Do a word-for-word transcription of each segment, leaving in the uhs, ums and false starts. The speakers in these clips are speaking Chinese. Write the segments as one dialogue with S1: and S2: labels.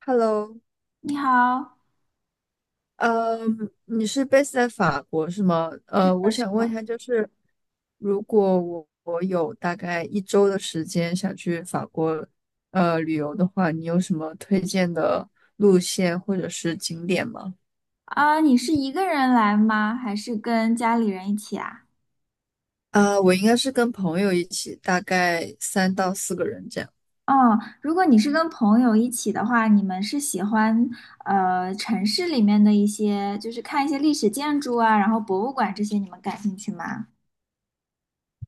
S1: Hello，
S2: 你好，
S1: 呃，你是 base 在法国是吗？
S2: 是
S1: 呃，我
S2: 的，是
S1: 想问一
S2: 的。
S1: 下，就是如果我我有大概一周的时间想去法国呃旅游的话，你有什么推荐的路线或者是景点吗？
S2: 啊，你是一个人来吗？还是跟家里人一起啊？
S1: 啊、我应该是跟朋友一起，大概三到四个人这样。
S2: 哦，如果你是跟朋友一起的话，你们是喜欢呃城市里面的一些，就是看一些历史建筑啊，然后博物馆这些，你们感兴趣吗？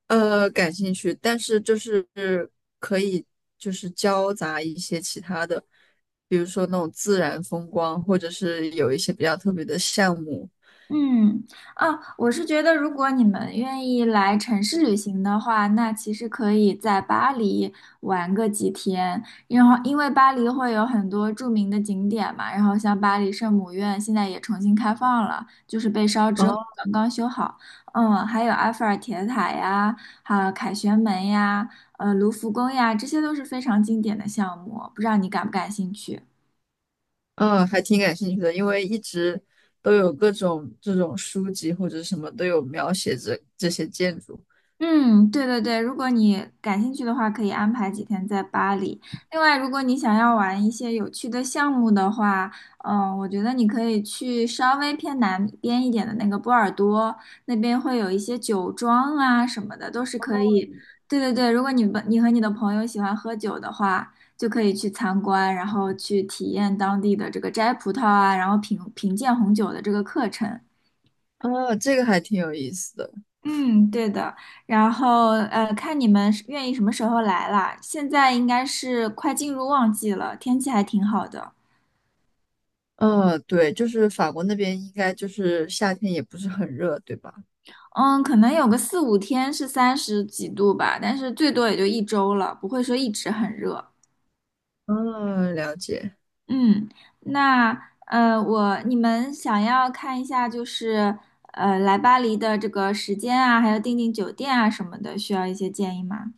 S1: 呃，感兴趣，但是就是可以就是交杂一些其他的，比如说那种自然风光，或者是有一些比较特别的项目。
S2: 嗯。啊，我是觉得，如果你们愿意来城市旅行的话，那其实可以在巴黎玩个几天，然后因为巴黎会有很多著名的景点嘛，然后像巴黎圣母院现在也重新开放了，就是被烧之后
S1: 哦，
S2: 刚刚修好。嗯，还有埃菲尔铁塔呀，还有凯旋门呀，呃，卢浮宫呀，这些都是非常经典的项目，不知道你感不感兴趣？
S1: 嗯，还挺感兴趣的，因为一直都有各种这种书籍或者什么都有描写这这些建筑。
S2: 嗯，对对对，如果你感兴趣的话，可以安排几天在巴黎。另外，如果你想要玩一些有趣的项目的话，嗯、我觉得你可以去稍微偏南边一点的那个波尔多，那边会有一些酒庄啊什么的，都是可以。对对对，如果你们你和你的朋友喜欢喝酒的话，就可以去参观，然后去体验当地的这个摘葡萄啊，然后品品鉴红酒的这个课程。
S1: 哦，这个还挺有意思的。
S2: 嗯，对的。然后呃，看你们是愿意什么时候来啦。现在应该是快进入旺季了，天气还挺好的。
S1: 嗯，对，就是法国那边应该就是夏天也不是很热，对吧？
S2: 嗯，可能有个四五天是三十几度吧，但是最多也就一周了，不会说一直很热。
S1: 嗯，了解。
S2: 嗯，那呃，我你们想要看一下就是呃来巴黎的这个时间啊，还有订订酒店啊什么的，需要一些建议吗？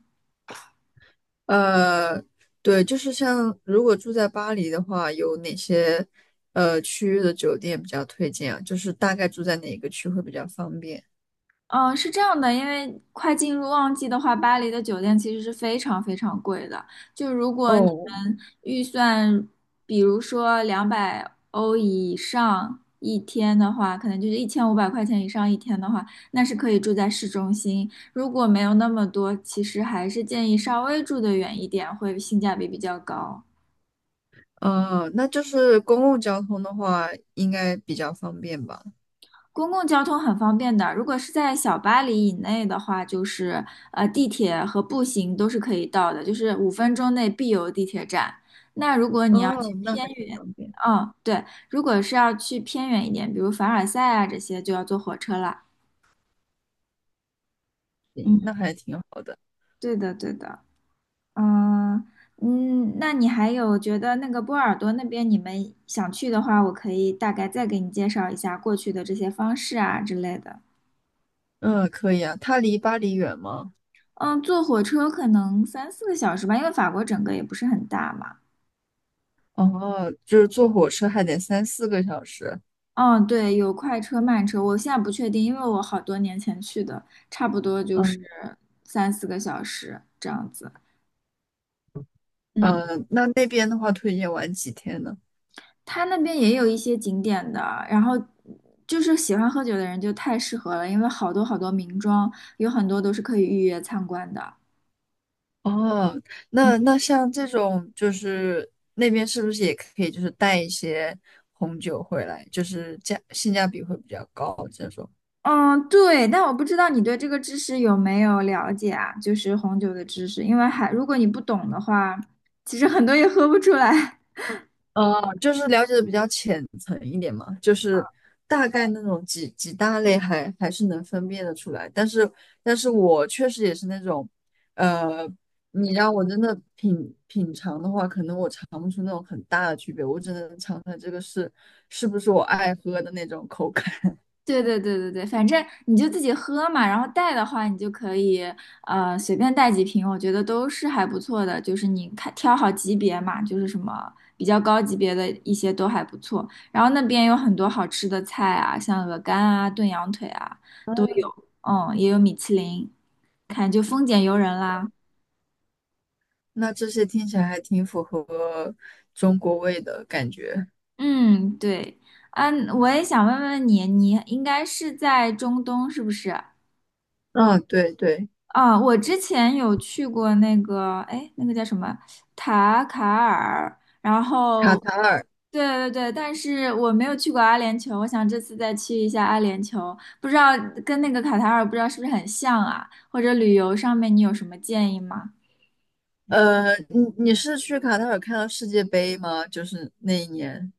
S1: 呃，对，就是像如果住在巴黎的话，有哪些呃区域的酒店比较推荐啊？就是大概住在哪个区会比较方便？
S2: 嗯，是这样的，因为快进入旺季的话，巴黎的酒店其实是非常非常贵的。就如果你
S1: 哦，
S2: 们预算，比如说两百欧以上一天的话，可能就是一千五百块钱以上一天的话，那是可以住在市中心。如果没有那么多，其实还是建议稍微住得远一点，会性价比比较高。
S1: 呃，那就是公共交通的话，应该比较方便吧？
S2: 公共交通很方便的，如果是在小巴黎以内的话，就是呃地铁和步行都是可以到的，就是五分钟内必有地铁站。那如果你要去
S1: 哦，那
S2: 偏
S1: 还挺
S2: 远。
S1: 方便。
S2: 嗯，对，如果是要去偏远一点，比如凡尔赛啊这些，就要坐火车了。
S1: 行，
S2: 嗯，
S1: 那还挺好。
S2: 对的，对的。嗯嗯，那你还有觉得那个波尔多那边你们想去的话，我可以大概再给你介绍一下过去的这些方式啊之类的。
S1: 嗯，可以啊。它离巴黎远吗？
S2: 嗯，坐火车可能三四个小时吧，因为法国整个也不是很大嘛。
S1: 哦，就是坐火车还得三四个小时。
S2: 嗯，对，有快车、慢车，我现在不确定，因为我好多年前去的，差不多就是
S1: 嗯，
S2: 三四个小时这样子。嗯，
S1: 呃，那那边的话，推荐玩几天呢？
S2: 他那边也有一些景点的，然后就是喜欢喝酒的人就太适合了，因为好多好多名庄，有很多都是可以预约参观的。
S1: 哦，那那像这种，就是那边是不是也可以，就是带一些红酒回来，就是价性价比会比较高这种？
S2: 嗯，对，但我不知道你对这个知识有没有了解啊？就是红酒的知识，因为还如果你不懂的话，其实很多也喝不出来。
S1: 呃，就是了解的比较浅层一点嘛，就是大概那种几几大类还还是能分辨得出来，但是但是我确实也是那种。呃，你让我真的品品尝的话，可能我尝不出那种很大的区别，我只能尝出来这个是是不是我爱喝的那种口感。
S2: 对对对对对，反正你就自己喝嘛，然后带的话，你就可以呃随便带几瓶，我觉得都是还不错的。就是你看挑好级别嘛，就是什么比较高级别的一些都还不错。然后那边有很多好吃的菜啊，像鹅肝啊、炖羊腿啊都有，嗯，也有米其林，看就丰俭由人啦。
S1: 那这些听起来还挺符合中国味的感觉。
S2: 嗯，对。嗯，我也想问问你，你应该是在中东是不是？
S1: 啊，对对。
S2: 啊，我之前有去过那个，哎，那个叫什么塔卡尔，然
S1: 卡
S2: 后，
S1: 塔尔。
S2: 对对对，但是我没有去过阿联酋，我想这次再去一下阿联酋，不知道跟那个卡塔尔不知道是不是很像啊？或者旅游上面你有什么建议吗？
S1: 呃，你你是去卡塔尔看到世界杯吗？就是那一年。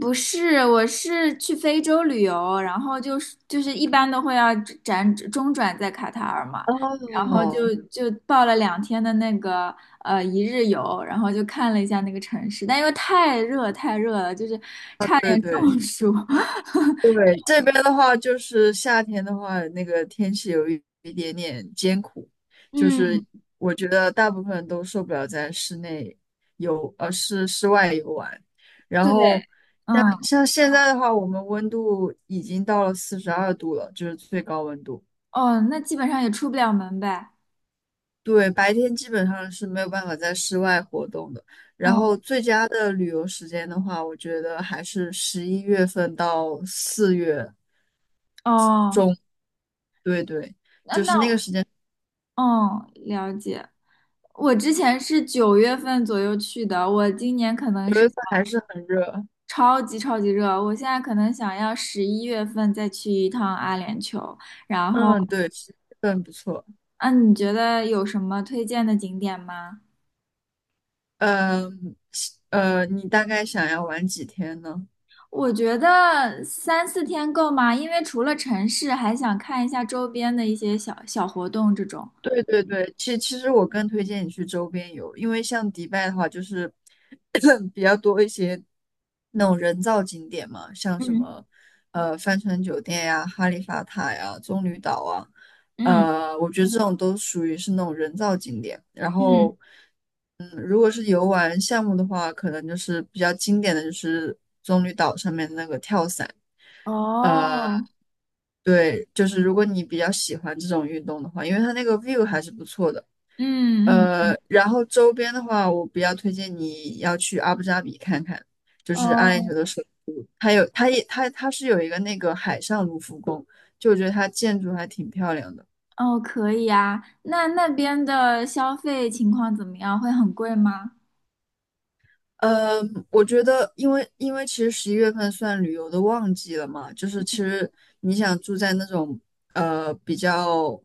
S2: 不是，我是去非洲旅游，然后就是就是一般都会要辗中转在卡塔尔嘛，然后
S1: 哦，
S2: 就就报了两天的那个呃一日游，然后就看了一下那个城市，但因为太热太热了，就是差
S1: 对
S2: 点
S1: 对
S2: 中暑。
S1: 对，这边的话就是夏天的话，那个天气有一一点点艰苦，就是
S2: 嗯，
S1: 我觉得大部分人都受不了在室内游，呃，室室外游玩。然
S2: 对。
S1: 后
S2: 嗯，
S1: 像现在的话，我们温度已经到了四十二度了，就是最高温度。
S2: 哦，那基本上也出不了门呗。
S1: 对，白天基本上是没有办法在室外活动的。然
S2: 哦
S1: 后最佳的旅游时间的话，我觉得还是十一月份到四月。
S2: 哦，
S1: 对对，
S2: 那
S1: 就
S2: 那
S1: 是那个时间。
S2: 哦，了解。我之前是九月份左右去的，我今年可能
S1: 九
S2: 是。
S1: 月份还是很热。
S2: 超级超级热，我现在可能想要十一月份再去一趟阿联酋。然后，
S1: 嗯，对，十一月份不错。
S2: 嗯，你觉得有什么推荐的景点吗？
S1: 嗯，呃，你大概想要玩几天呢？
S2: 我觉得三四天够吗？因为除了城市，还想看一下周边的一些小小活动这种。
S1: 对对对，其其实我更推荐你去周边游，因为像迪拜的话，就是 比较多一些那种人造景点嘛，像什
S2: 嗯
S1: 么呃帆船酒店呀、哈利法塔呀、棕榈岛啊。
S2: 嗯
S1: 呃，我觉得这种都属于是那种人造景点。然
S2: 嗯，
S1: 后如果是游玩项目的话，可能就是比较经典的就是棕榈岛上面的那个跳伞。呃，
S2: 哦，
S1: 对，就是如果你比较喜欢这种运动的话，因为它那个 view 还是不错的。
S2: 嗯嗯，
S1: 呃，然后周边的话，我比较推荐你要去阿布扎比看看，就是阿联酋
S2: 哦
S1: 的首都，它有，它也，它它是有一个那个海上卢浮宫，就我觉得它建筑还挺漂亮的。
S2: 哦，可以啊。那那边的消费情况怎么样？会很贵吗？
S1: 呃，我觉得，因为因为其实十一月份算旅游的旺季了嘛，就是其实你想住在那种呃比较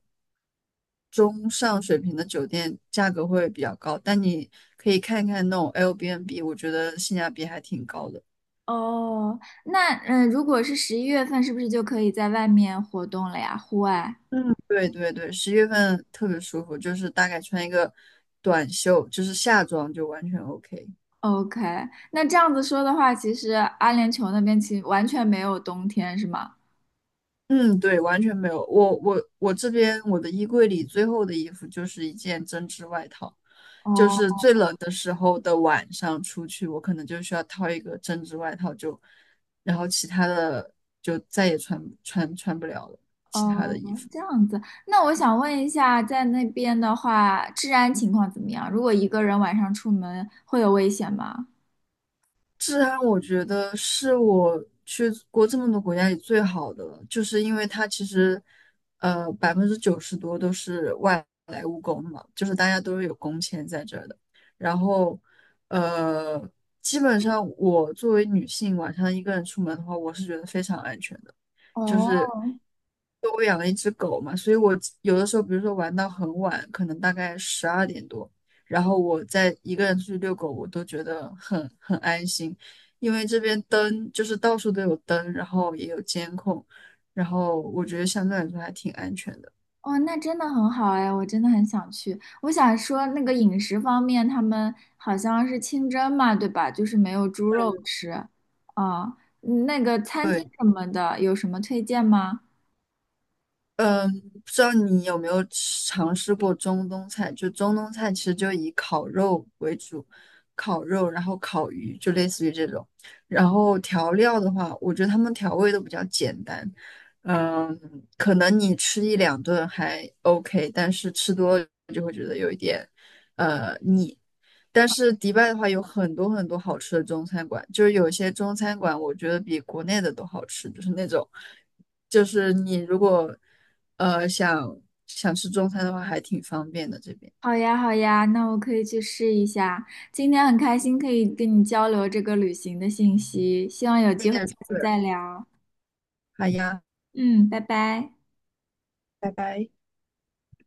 S1: 中上水平的酒店，价格会比较高，但你可以看看那种 Airbnb，我觉得性价比还挺高的。
S2: 哦，那嗯，呃如果是十一月份，是不是就可以在外面活动了呀？户外
S1: 嗯，对对对，十一月份特别舒服，就是大概穿一个短袖，就是夏装就完全 OK。
S2: ？OK，那这样子说的话，其实阿联酋那边其实完全没有冬天，是吗？
S1: 嗯，对，完全没有。我我我这边我的衣柜里最后的衣服就是一件针织外套，就是
S2: 哦
S1: 最冷的时候的晚上出去，我可能就需要套一个针织外套就，然后其他的就再也穿穿穿不了了，其他的
S2: 哦，
S1: 衣服。
S2: 这样子。那我想问一下，在那边的话，治安情况怎么样？如果一个人晚上出门，会有危险吗？
S1: 治安我觉得是我去过这么多国家里最好的了，就是因为它其实，呃，百分之九十多都是外来务工嘛，就是大家都是有工签在这儿的。然后，呃，基本上我作为女性晚上一个人出门的话，我是觉得非常安全的。就是
S2: 哦
S1: 我养了一只狗嘛，所以我有的时候，比如说玩到很晚，可能大概十二点多，然后我再一个人出去遛狗，我都觉得很很安心，因为这边灯就是到处都有灯，然后也有监控，然后我觉得相对来说还挺安全的。
S2: 哦，那真的很好哎，我真的很想去。我想说，那个饮食方面，他们好像是清真嘛，对吧？就是没有猪肉吃。啊、嗯那个餐厅
S1: 对。
S2: 什么的，有什么推荐吗？
S1: 嗯，不知道你有没有吃尝试过中东菜？就中东菜其实就以烤肉为主，烤肉，然后烤鱼，就类似于这种。然后调料的话，我觉得他们调味都比较简单。嗯，可能你吃一两顿还 OK，但是吃多了就会觉得有一点呃腻。但是迪拜的话有很多很多好吃的中餐馆，就是有些中餐馆我觉得比国内的都好吃，就是那种，就是你如果呃想想吃中餐的话，还挺方便的这边。
S2: 好呀，好呀，那我可以去试一下。今天很开心可以跟你交流这个旅行的信息，希望有
S1: 你
S2: 机会
S1: 也
S2: 下次
S1: 是。
S2: 再聊。
S1: 好呀，
S2: 嗯，拜拜。
S1: 拜拜。